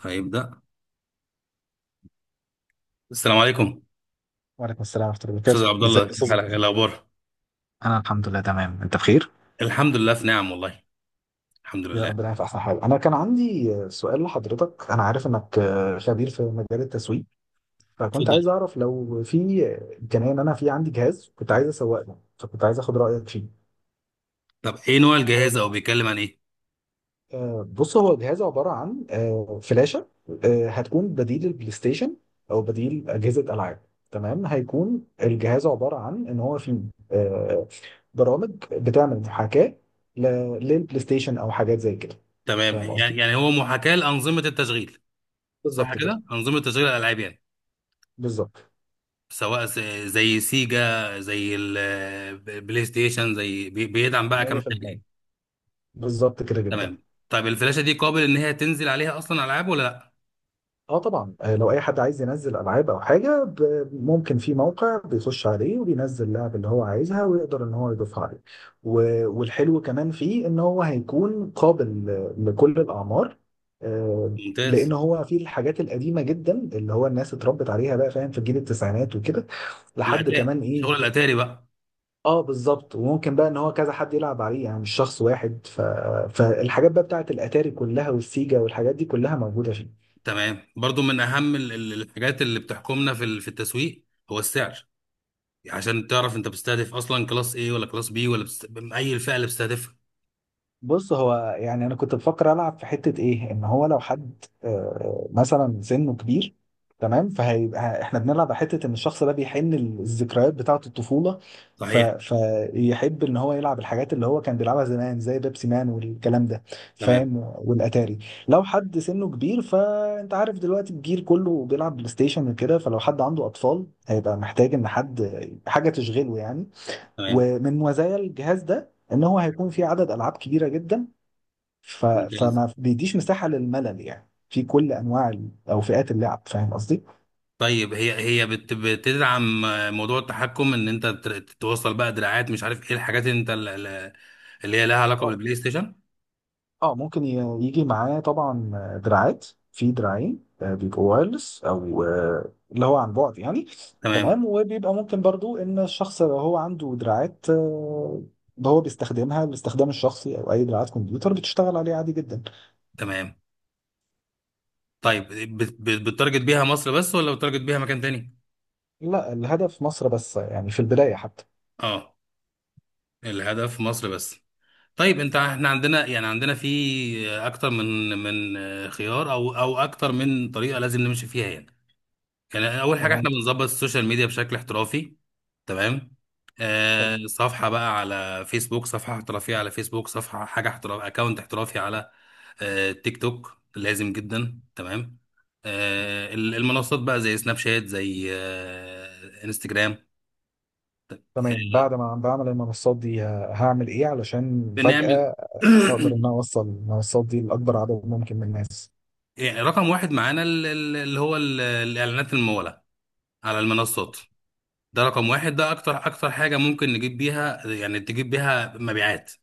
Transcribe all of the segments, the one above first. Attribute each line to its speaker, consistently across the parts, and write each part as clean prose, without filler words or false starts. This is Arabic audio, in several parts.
Speaker 1: هيبدأ. السلام عليكم.
Speaker 2: وعليكم السلام ورحمة الله
Speaker 1: استاذ
Speaker 2: وبركاته،
Speaker 1: عبد الله،
Speaker 2: ازيك يا
Speaker 1: كيف
Speaker 2: استاذ
Speaker 1: حالك؟ إيه
Speaker 2: جمال؟
Speaker 1: الاخبار؟
Speaker 2: انا الحمد لله تمام. انت بخير؟
Speaker 1: الحمد لله في نعم والله. الحمد
Speaker 2: يا
Speaker 1: لله.
Speaker 2: رب دايما في احسن حال. انا كان عندي سؤال لحضرتك، انا عارف انك خبير في مجال التسويق، فكنت
Speaker 1: اتفضل.
Speaker 2: عايز اعرف لو في امكانيه، ان انا في عندي جهاز كنت عايز اسوق له، فكنت عايز اخد رايك فيه.
Speaker 1: طب ايه نوع الجهاز او بيتكلم عن ايه؟
Speaker 2: بص، هو جهاز عباره عن فلاشه. هتكون بديل البلاي ستيشن او بديل اجهزه العاب. تمام، هيكون الجهاز عباره عن ان هو فيه برامج بتعمل محاكاة ل- للبلاي ستيشن او حاجات زي كده.
Speaker 1: تمام،
Speaker 2: فاهم
Speaker 1: يعني
Speaker 2: قصدي؟
Speaker 1: يعني هو محاكاه لانظمه التشغيل. صح
Speaker 2: بالظبط كده.
Speaker 1: كده، انظمه تشغيل الالعاب يعني.
Speaker 2: بالظبط
Speaker 1: سواء زي سيجا زي البلاي ستيشن زي بيدعم بقى كام حاجه
Speaker 2: 100%.
Speaker 1: يعني.
Speaker 2: بالظبط كده جدا.
Speaker 1: تمام. طيب الفلاشه دي قابل ان هي تنزل عليها اصلا العاب ولا لا؟
Speaker 2: اه طبعا، لو اي حد عايز ينزل العاب او حاجه، ممكن في موقع بيخش عليه وبينزل اللعبه اللي هو عايزها ويقدر ان هو يضيفها عليه. والحلو كمان فيه ان هو هيكون قابل لكل الاعمار.
Speaker 1: ممتاز.
Speaker 2: لان هو في الحاجات القديمه جدا اللي هو الناس اتربت عليها بقى، فاهم، في جيل التسعينات وكده. لحد
Speaker 1: الاتاري،
Speaker 2: كمان ايه.
Speaker 1: شغل الاتاري بقى.
Speaker 2: اه بالظبط. وممكن بقى ان هو كذا حد يلعب عليه يعني، مش شخص واحد. فالحاجات بقى بتاعت الاتاري كلها والسيجا والحاجات دي كلها موجوده فيه.
Speaker 1: تمام. برضو من اهم الحاجات اللي بتحكمنا في في التسويق هو السعر. يعني عشان تعرف انت بتستهدف اصلا كلاس ايه ولا كلاس بي اي الفئه اللي بتستهدفها؟
Speaker 2: بص، هو يعني انا كنت بفكر العب في حته ايه، ان هو لو حد مثلا سنه كبير، تمام، فهيبقى احنا بنلعب على حته ان الشخص ده بيحن الذكريات بتاعه الطفوله.
Speaker 1: صحيح.
Speaker 2: فيحب ان هو يلعب الحاجات اللي هو كان بيلعبها زمان، زي بيبسي مان والكلام ده،
Speaker 1: تمام.
Speaker 2: فاهم، والاتاري. لو حد سنه كبير، فانت عارف دلوقتي الجيل كله بيلعب بلاي ستيشن وكده، فلو حد عنده اطفال هيبقى محتاج ان حد، حاجه تشغله يعني.
Speaker 1: تمام.
Speaker 2: ومن مزايا الجهاز ده ان هو هيكون فيه عدد العاب كبيره جدا،
Speaker 1: ممتاز.
Speaker 2: فما بيديش مساحة للملل يعني في كل انواع ال- او فئات اللعب. فاهم قصدي؟
Speaker 1: طيب هي بتدعم موضوع التحكم ان انت توصل بقى دراعات، مش عارف ايه الحاجات اللي انت اللي هي لها علاقه
Speaker 2: اه.
Speaker 1: بالبلاي ستيشن.
Speaker 2: اه ممكن يجي معاه طبعا دراعات. في دراعين، بيبقوا وايرلس، او اللي هو عن بعد يعني.
Speaker 1: تمام.
Speaker 2: تمام. وبيبقى ممكن برضو ان الشخص لو هو عنده دراعات، هو بيستخدمها الاستخدام الشخصي، او اي دراعات كمبيوتر بتشتغل عليه عادي جدا.
Speaker 1: تمام. طيب بتتارجت بيها مصر بس ولا بتتارجت بيها مكان تاني؟
Speaker 2: لا، الهدف مصر بس يعني، في البداية حتى.
Speaker 1: اه، الهدف مصر بس. طيب انت، احنا عندنا، يعني عندنا في اكتر من خيار او اكتر من طريقه لازم نمشي فيها يعني. يعني اول حاجه
Speaker 2: تمام.
Speaker 1: احنا بنظبط السوشيال ميديا بشكل احترافي. تمام.
Speaker 2: حلو.
Speaker 1: آه، صفحه بقى على فيسبوك، صفحه احترافيه على فيسبوك، صفحه حاجه احتراف، اكونت احترافي على آه تيك توك لازم جدا. تمام. آه المنصات بقى زي سناب شات، زي آه انستجرام.
Speaker 2: تمام،
Speaker 1: آه،
Speaker 2: بعد ما بعمل المنصات دي هعمل ايه علشان
Speaker 1: بنعمل
Speaker 2: فجأة هقدر ان انا اوصل المنصات دي لاكبر عدد ممكن من الناس؟
Speaker 1: يعني رقم واحد معانا اللي هو الإعلانات الممولة على المنصات. ده رقم واحد، ده أكتر أكتر حاجة ممكن نجيب بيها، يعني تجيب بيها مبيعات.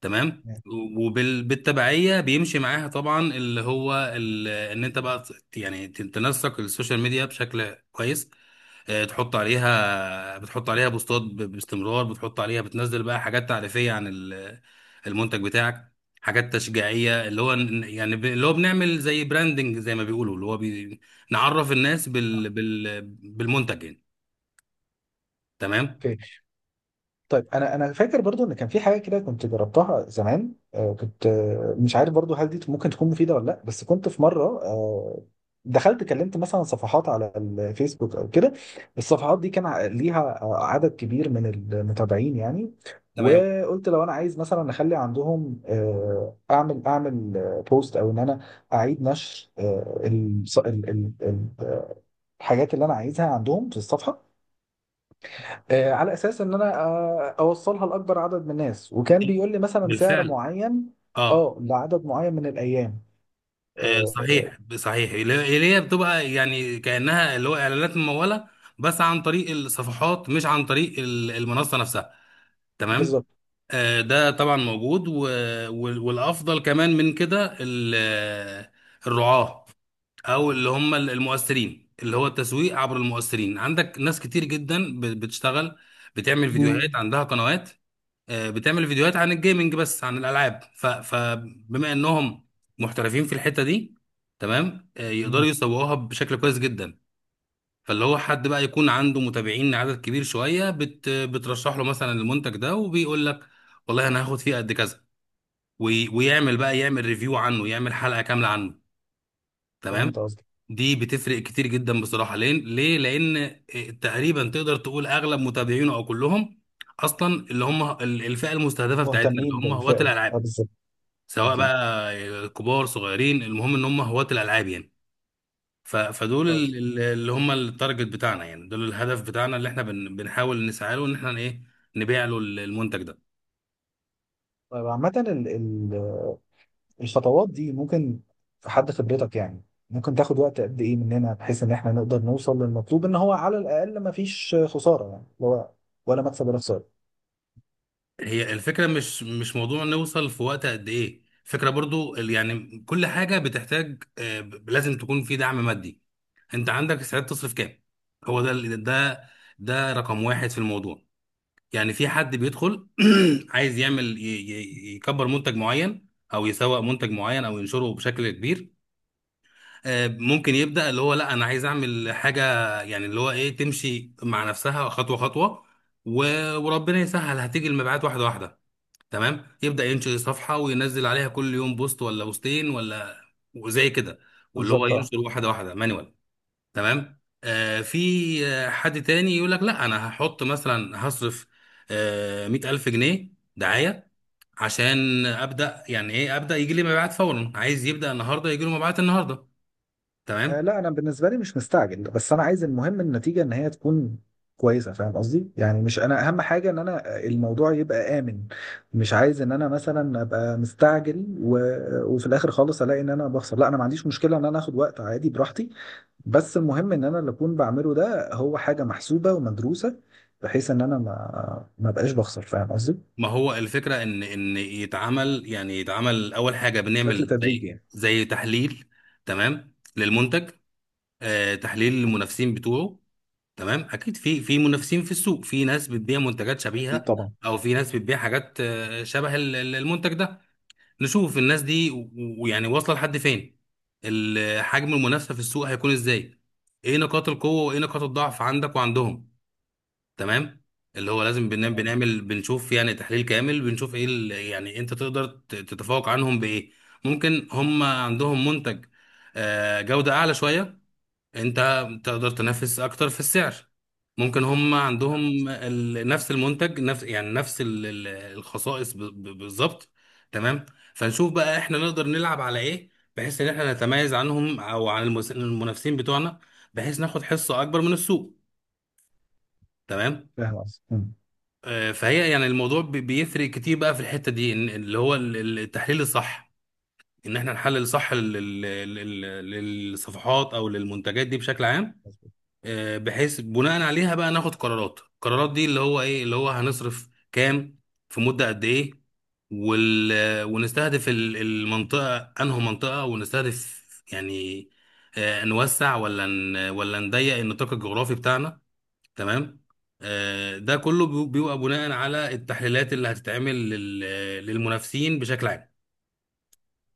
Speaker 1: تمام.
Speaker 2: تمام.
Speaker 1: وبالتبعية بيمشي معاها طبعا اللي هو إن أنت بقى يعني تنسق السوشيال ميديا بشكل كويس. آه، تحط عليها بتحط عليها بوستات باستمرار، بتحط عليها، بتنزل بقى حاجات تعريفية عن المنتج بتاعك، حاجات تشجيعية اللي هو يعني اللي هو بنعمل زي براندنج زي ما بيقولوا اللي هو نعرف الناس بالمنتج يعني. تمام.
Speaker 2: اوكي. طيب انا فاكر برضو ان كان في حاجه كده كنت جربتها زمان، آه، كنت آه، مش عارف برضو هل دي ممكن تكون مفيده ولا لا، بس كنت في مره دخلت كلمت مثلا صفحات على الفيسبوك او كده. الصفحات دي كان ليها عدد كبير من المتابعين يعني.
Speaker 1: تمام.
Speaker 2: وقلت لو انا عايز مثلا اخلي عندهم اعمل بوست، او ان انا اعيد نشر الحاجات اللي انا عايزها عندهم في الصفحه، على اساس ان انا اوصلها لاكبر عدد من الناس، وكان بيقول لي مثلا سعر
Speaker 1: بالفعل.
Speaker 2: معين،
Speaker 1: اه.
Speaker 2: اه، لعدد معين من الايام. آه، آه،
Speaker 1: صحيح، اللي هي بتبقى يعني كأنها اللي هو اعلانات ممولة بس عن طريق الصفحات مش عن طريق المنصة نفسها. تمام.
Speaker 2: بالظبط.
Speaker 1: ده طبعا موجود. والافضل كمان من كده الرعاة او اللي هم المؤثرين، اللي هو التسويق عبر المؤثرين. عندك ناس كتير جدا بتشتغل، بتعمل فيديوهات،
Speaker 2: مم.
Speaker 1: عندها قنوات، بتعمل فيديوهات عن الجيمنج بس، عن الالعاب. فبما انهم محترفين في الحتة دي، تمام، يقدروا
Speaker 2: مم.
Speaker 1: يسوقوها بشكل كويس جدا. فاللي هو حد بقى يكون عنده متابعين عدد كبير شوية بترشح له مثلا المنتج ده، وبيقول لك والله انا هاخد فيه قد كذا، ويعمل بقى يعمل ريفيو عنه، يعمل حلقة كاملة عنه.
Speaker 2: فهمت
Speaker 1: تمام.
Speaker 2: قصدك.
Speaker 1: دي بتفرق كتير جدا بصراحة. ليه؟ لان آه، تقريبا تقدر تقول اغلب متابعينه او كلهم اصلا اللي هم الفئة المستهدفة بتاعتنا، اللي
Speaker 2: مهتمين
Speaker 1: هم هواة
Speaker 2: بالفئه دي. اه
Speaker 1: الالعاب.
Speaker 2: بالظبط.
Speaker 1: سواء
Speaker 2: اكيد.
Speaker 1: بقى كبار صغيرين، المهم ان هم هواة الالعاب يعني. فدول
Speaker 2: طب.
Speaker 1: اللي هم التارجت بتاعنا، يعني دول الهدف بتاعنا اللي احنا بنحاول نسعى له ان احنا ايه، نبيع له المنتج ده.
Speaker 2: طيب عامه، الخطوات دي ممكن في حد خبرتك يعني، ممكن تاخد وقت قد ايه مننا بحيث ان احنا نقدر نوصل للمطلوب، ان هو على الاقل ما فيش خساره يعني، اللي هو ولا مكسب ولا خساره.
Speaker 1: هي الفكره مش موضوع نوصل في وقت قد ايه. فكره برضو يعني كل حاجه بتحتاج آه، لازم تكون في دعم مادي. انت عندك استعداد تصرف كام؟ هو ده ده ده رقم واحد في الموضوع. يعني في حد بيدخل عايز يعمل يكبر منتج معين او يسوق منتج معين او ينشره بشكل كبير. ممكن يبدأ اللي هو لا انا عايز اعمل حاجة، يعني اللي هو ايه، تمشي مع نفسها خطوة خطوة. وربنا يسهل، هتيجي المبيعات واحدة واحدة. تمام. يبدأ ينشئ صفحة وينزل عليها كل يوم بوست ولا بوستين ولا وزي كده، واللي هو
Speaker 2: بالظبط.
Speaker 1: ينشر واحدة واحدة مانوال. تمام. آه في آه، حد تاني يقول لك لا انا هحط مثلا هصرف آه 100,000 جنيه دعاية عشان ابدا، يعني ايه ابدا، يجي لي مبيعات فورا، عايز يبدا النهارده يجي له مبيعات النهارده.
Speaker 2: آه
Speaker 1: تمام.
Speaker 2: لا، انا بالنسبه لي مش مستعجل، بس انا عايز المهم النتيجه ان هي تكون كويسه. فاهم قصدي؟ يعني مش انا اهم حاجه ان انا الموضوع يبقى امن. مش عايز ان انا مثلا ابقى مستعجل وفي الاخر خالص الاقي ان انا بخسر. لا، انا ما عنديش مشكله ان انا اخد وقت عادي براحتي، بس المهم ان انا اللي اكون بعمله ده هو حاجه محسوبه ومدروسه، بحيث ان انا ما بقاش بخسر. فاهم قصدي؟
Speaker 1: ما هو الفكرة إن يتعمل، يعني يتعمل أول حاجة،
Speaker 2: بشكل
Speaker 1: بنعمل
Speaker 2: تدريجي
Speaker 1: زي
Speaker 2: يعني.
Speaker 1: زي تحليل تمام للمنتج، آه تحليل للمنافسين بتوعه. تمام، أكيد في منافسين في السوق، في ناس بتبيع منتجات
Speaker 2: اكيد
Speaker 1: شبيهة
Speaker 2: طبعا.
Speaker 1: أو في ناس بتبيع حاجات آه، شبه المنتج ده. نشوف الناس دي ويعني واصلة لحد فين، حجم المنافسة في السوق هيكون إزاي، إيه نقاط القوة وإيه نقاط الضعف عندك وعندهم. تمام. اللي هو لازم بنعمل
Speaker 2: تمام.
Speaker 1: بنعمل بنشوف يعني تحليل كامل، بنشوف ايه يعني انت تقدر تتفوق عنهم بايه. ممكن هم عندهم منتج آه، جودة اعلى شوية، انت تقدر تنافس اكتر في السعر. ممكن هم عندهم نفس المنتج، نفس يعني نفس الخصائص بالظبط. تمام. فنشوف بقى احنا نقدر نلعب على ايه بحيث ان احنا نتميز عنهم او عن المنافسين بتوعنا، بحيث ناخد حصة اكبر من السوق. تمام.
Speaker 2: فاهم قصدي. مم.
Speaker 1: فهي يعني الموضوع بيفرق كتير بقى في الحتة دي، اللي هو التحليل الصح، ان احنا نحلل صح للصفحات او للمنتجات دي بشكل عام. بحيث بناء عليها بقى ناخد قرارات، القرارات دي اللي هو ايه، اللي هو هنصرف كام في مدة قد ايه، وال ونستهدف المنطقة انه منطقة، ونستهدف يعني آه، نوسع ولا ولا نضيق النطاق الجغرافي بتاعنا. تمام. ده كله بيبقى بناء على التحليلات اللي هتتعمل للمنافسين بشكل عام.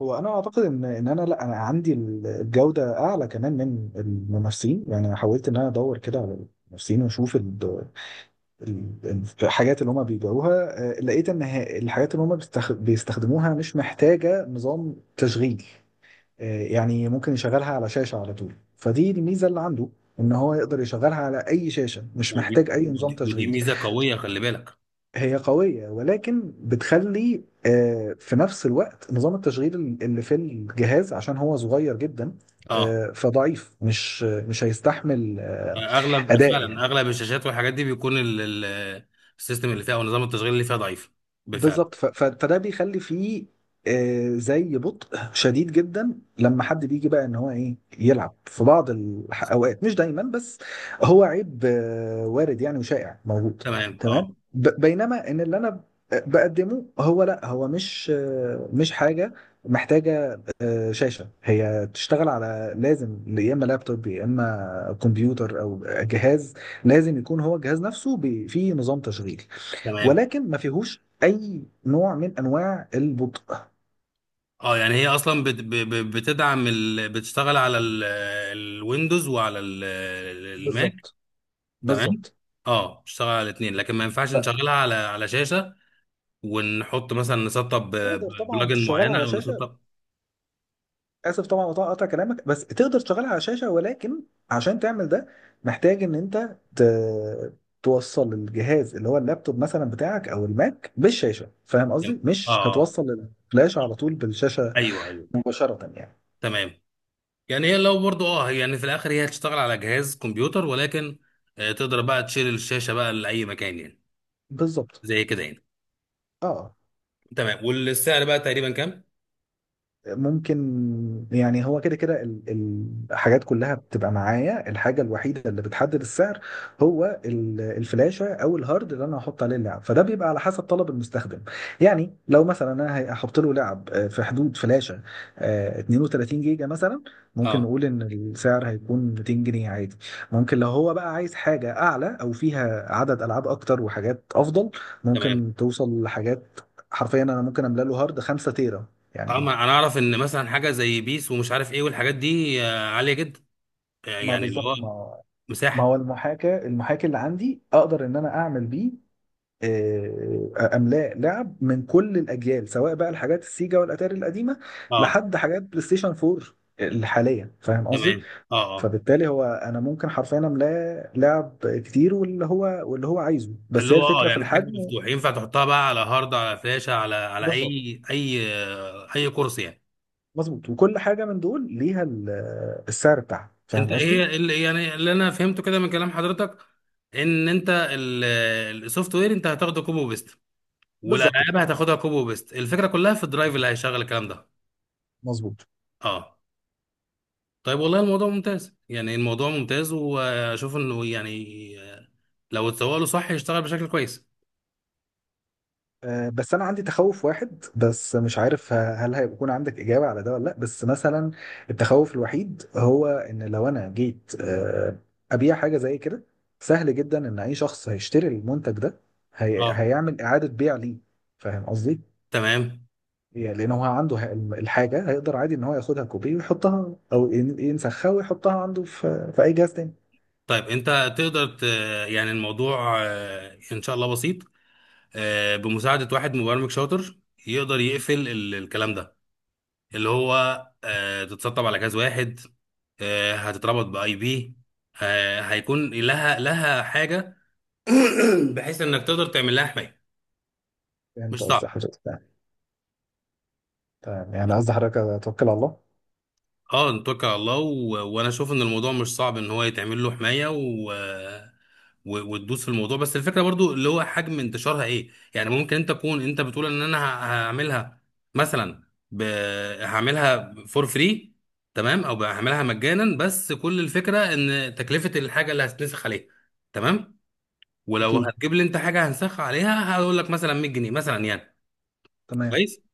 Speaker 2: هو انا اعتقد ان ان انا لا انا عندي الجوده اعلى كمان من الممثلين يعني، انا حاولت ان انا ادور كده على الممثلين واشوف الحاجات اللي هم بيبيعوها. لقيت ان الحاجات اللي هم بيستخدموها مش محتاجه نظام تشغيل. يعني ممكن يشغلها على شاشه على طول، فدي الميزه اللي عنده، ان هو يقدر يشغلها على اي شاشه، مش
Speaker 1: ودي
Speaker 2: محتاج اي نظام
Speaker 1: ودي ودي
Speaker 2: تشغيل.
Speaker 1: ميزه قويه، خلي بالك.
Speaker 2: هي قوية، ولكن بتخلي في نفس الوقت نظام التشغيل اللي في الجهاز عشان هو صغير جدا،
Speaker 1: اه،
Speaker 2: فضعيف، مش هيستحمل
Speaker 1: اغلب
Speaker 2: أداء
Speaker 1: فعلا
Speaker 2: يعني.
Speaker 1: اغلب الشاشات والحاجات دي بيكون السيستم اللي فيها او نظام التشغيل اللي فيها ضعيف. بالفعل.
Speaker 2: بالظبط. فده بيخلي فيه زي بطء شديد جدا لما حد بيجي بقى ان هو ايه يلعب، في بعض الاوقات مش دايما، بس هو عيب وارد يعني، وشائع موجود.
Speaker 1: تمام.
Speaker 2: تمام.
Speaker 1: اه.
Speaker 2: بينما ان اللي انا بقدمه، هو لا، هو مش مش حاجه محتاجه شاشه. هي تشتغل على، لازم يا اما لابتوب، يا اما كمبيوتر او جهاز. لازم يكون هو الجهاز نفسه فيه نظام تشغيل،
Speaker 1: تمام.
Speaker 2: ولكن ما فيهوش اي نوع من انواع البطء.
Speaker 1: اه يعني هي اصلا بتدعم بتشتغل على الويندوز وعلى الماك.
Speaker 2: بالظبط.
Speaker 1: تمام.
Speaker 2: بالظبط.
Speaker 1: اه بتشتغل على الاثنين، لكن ما ينفعش نشغلها على على شاشه ونحط مثلا نسطب
Speaker 2: فتقدر طبعا
Speaker 1: بلجن
Speaker 2: تشغلها
Speaker 1: معينه
Speaker 2: على
Speaker 1: او
Speaker 2: شاشه.
Speaker 1: نسطب.
Speaker 2: اسف طبعا قطع كلامك، بس تقدر تشغلها على شاشه، ولكن عشان تعمل ده محتاج ان انت توصل الجهاز اللي هو اللابتوب مثلا بتاعك او الماك بالشاشه. فاهم قصدي؟
Speaker 1: اه
Speaker 2: مش
Speaker 1: آه.
Speaker 2: هتوصل الفلاش على طول بالشاشه
Speaker 1: ايوه ايوه.
Speaker 2: مباشره يعني.
Speaker 1: تمام. يعني هي لو برضو اه يعني في الاخر هي هتشتغل على جهاز كمبيوتر، ولكن آه، تقدر بقى تشيل الشاشه بقى لاي مكان يعني،
Speaker 2: بالظبط.
Speaker 1: زي كده يعني.
Speaker 2: اه.
Speaker 1: تمام. والسعر بقى تقريبا كام؟
Speaker 2: ممكن يعني هو كده كده الحاجات كلها بتبقى معايا. الحاجة الوحيدة اللي بتحدد السعر هو ال- الفلاشة أو الهارد اللي أنا هحط عليه اللعب، فده بيبقى على حسب طلب المستخدم. يعني لو مثلا أنا هحط له لعب في حدود فلاشة 32 جيجا مثلا، ممكن
Speaker 1: اه.
Speaker 2: نقول إن السعر هيكون 200 جنيه عادي. ممكن لو هو بقى عايز حاجة أعلى أو فيها عدد ألعاب أكتر وحاجات أفضل،
Speaker 1: تمام.
Speaker 2: ممكن توصل لحاجات، حرفيا أنا ممكن أملأ له هارد 5 تيرا
Speaker 1: اه، ما
Speaker 2: يعني.
Speaker 1: انا اعرف ان مثلا حاجه زي بيس ومش عارف ايه والحاجات دي آه، عاليه جدا. آه،
Speaker 2: ما
Speaker 1: يعني اللي
Speaker 2: بالظبط.
Speaker 1: هو
Speaker 2: ما هو
Speaker 1: مساحه.
Speaker 2: المحاكاة، المحاكي اللي عندي اقدر ان انا اعمل بيه املاء لعب من كل الاجيال، سواء بقى الحاجات السيجا والاتاري القديمه
Speaker 1: اه.
Speaker 2: لحد حاجات بلاي ستيشن 4 الحاليه. فاهم قصدي؟
Speaker 1: تمام. اه اه.
Speaker 2: فبالتالي هو انا ممكن حرفيا املاه لعب كتير، واللي هو عايزه، بس
Speaker 1: اللي
Speaker 2: هي
Speaker 1: هو اه
Speaker 2: الفكره في
Speaker 1: يعني حجم
Speaker 2: الحجم.
Speaker 1: مفتوح، ينفع تحطها بقى على هارد على فلاشه على على
Speaker 2: بالظبط.
Speaker 1: اي اي اي كورس يعني.
Speaker 2: مظبوط. وكل حاجه من دول ليها ال- السعر بتاعها.
Speaker 1: انت
Speaker 2: فاهم
Speaker 1: ايه
Speaker 2: قصدي؟
Speaker 1: اللي يعني اللي انا فهمته كده من كلام حضرتك ان انت السوفت وير انت هتاخده كوبي وبيست،
Speaker 2: بالظبط كده.
Speaker 1: والالعاب هتاخدها كوبي وبيست، الفكره كلها في الدرايف اللي هيشغل الكلام ده.
Speaker 2: مظبوط.
Speaker 1: اه. طيب والله الموضوع ممتاز، يعني الموضوع ممتاز واشوف انه يعني آه، لو اتسوق له صح يشتغل بشكل كويس.
Speaker 2: بس انا عندي تخوف واحد بس، مش عارف هل هيكون عندك اجابه على ده ولا لا، بس مثلا التخوف الوحيد هو ان لو انا جيت ابيع حاجه زي كده، سهل جدا ان اي شخص هيشتري المنتج ده
Speaker 1: اه.
Speaker 2: هيعمل اعاده بيع ليه. فاهم قصدي؟
Speaker 1: تمام.
Speaker 2: يعني لان هو عنده الحاجه، هيقدر عادي ان هو ياخدها كوبي ويحطها او ينسخها ويحطها عنده في اي جهاز تاني.
Speaker 1: طيب انت تقدر يعني الموضوع آه، ان شاء الله بسيط. آه، بمساعده واحد مبرمج شاطر يقدر يقفل الكلام ده، اللي هو آه، تتسطب على جهاز واحد، آه، هتتربط باي بي، آه، هيكون لها حاجه بحيث انك تقدر تعمل لها حمايه.
Speaker 2: فهمت
Speaker 1: مش
Speaker 2: قصدي
Speaker 1: صعب.
Speaker 2: حضرتك. تمام، يعني قصدي حضرتك توكل على الله.
Speaker 1: اه نتوكل على الله. وانا اشوف ان الموضوع مش صعب ان هو يتعمل له حمايه. وتدوس في الموضوع، بس الفكره برضو اللي هو حجم انتشارها ايه، يعني ممكن انت تكون انت بتقول ان انا هعملها مثلا ب... هعملها فور فري تمام، او هعملها مجانا، بس كل الفكره ان تكلفه الحاجه اللي هتنسخ عليها تمام، ولو
Speaker 2: اكيد.
Speaker 1: هتجيب لي انت حاجه هنسخها عليها هقول لك مثلا 100 جنيه مثلا يعني.
Speaker 2: تمام.
Speaker 1: كويس.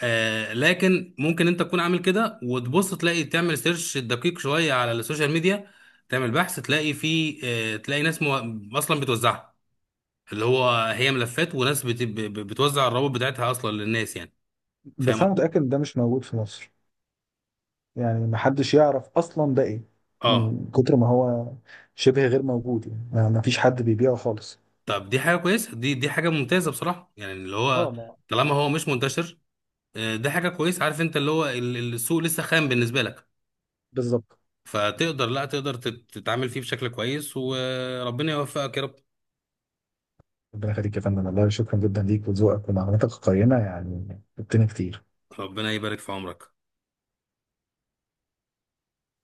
Speaker 1: آه، لكن ممكن انت تكون عامل كده وتبص تلاقي، تعمل سيرش دقيق شويه على السوشيال ميديا، تعمل بحث تلاقي في آه تلاقي ناس اصلا بتوزعها، اللي هو هي ملفات وناس بتوزع الروابط بتاعتها اصلا للناس يعني.
Speaker 2: بس
Speaker 1: فاهم
Speaker 2: انا
Speaker 1: قصدي؟
Speaker 2: متاكد ان ده مش موجود في مصر، يعني محدش يعرف اصلا ده ايه،
Speaker 1: اه.
Speaker 2: من كتر ما هو شبه غير موجود يعني. ما فيش حد بيبيعه خالص.
Speaker 1: طب دي حاجه كويسه، دي حاجه ممتازه بصراحه، يعني اللي
Speaker 2: اه
Speaker 1: هو
Speaker 2: ما
Speaker 1: طالما هو مش منتشر آه ده حاجه كويسه، عارف انت اللي هو السوق لسه خام بالنسبه لك.
Speaker 2: بالظبط.
Speaker 1: فتقدر، لا تقدر تتعامل فيه بشكل كويس، وربنا يوفقك يا رب.
Speaker 2: ربنا يخليك يا فندم، والله شكرا جدا ليك، وذوقك ومعلوماتك القيمة يعني فدتني كتير.
Speaker 1: ربنا يبارك في عمرك.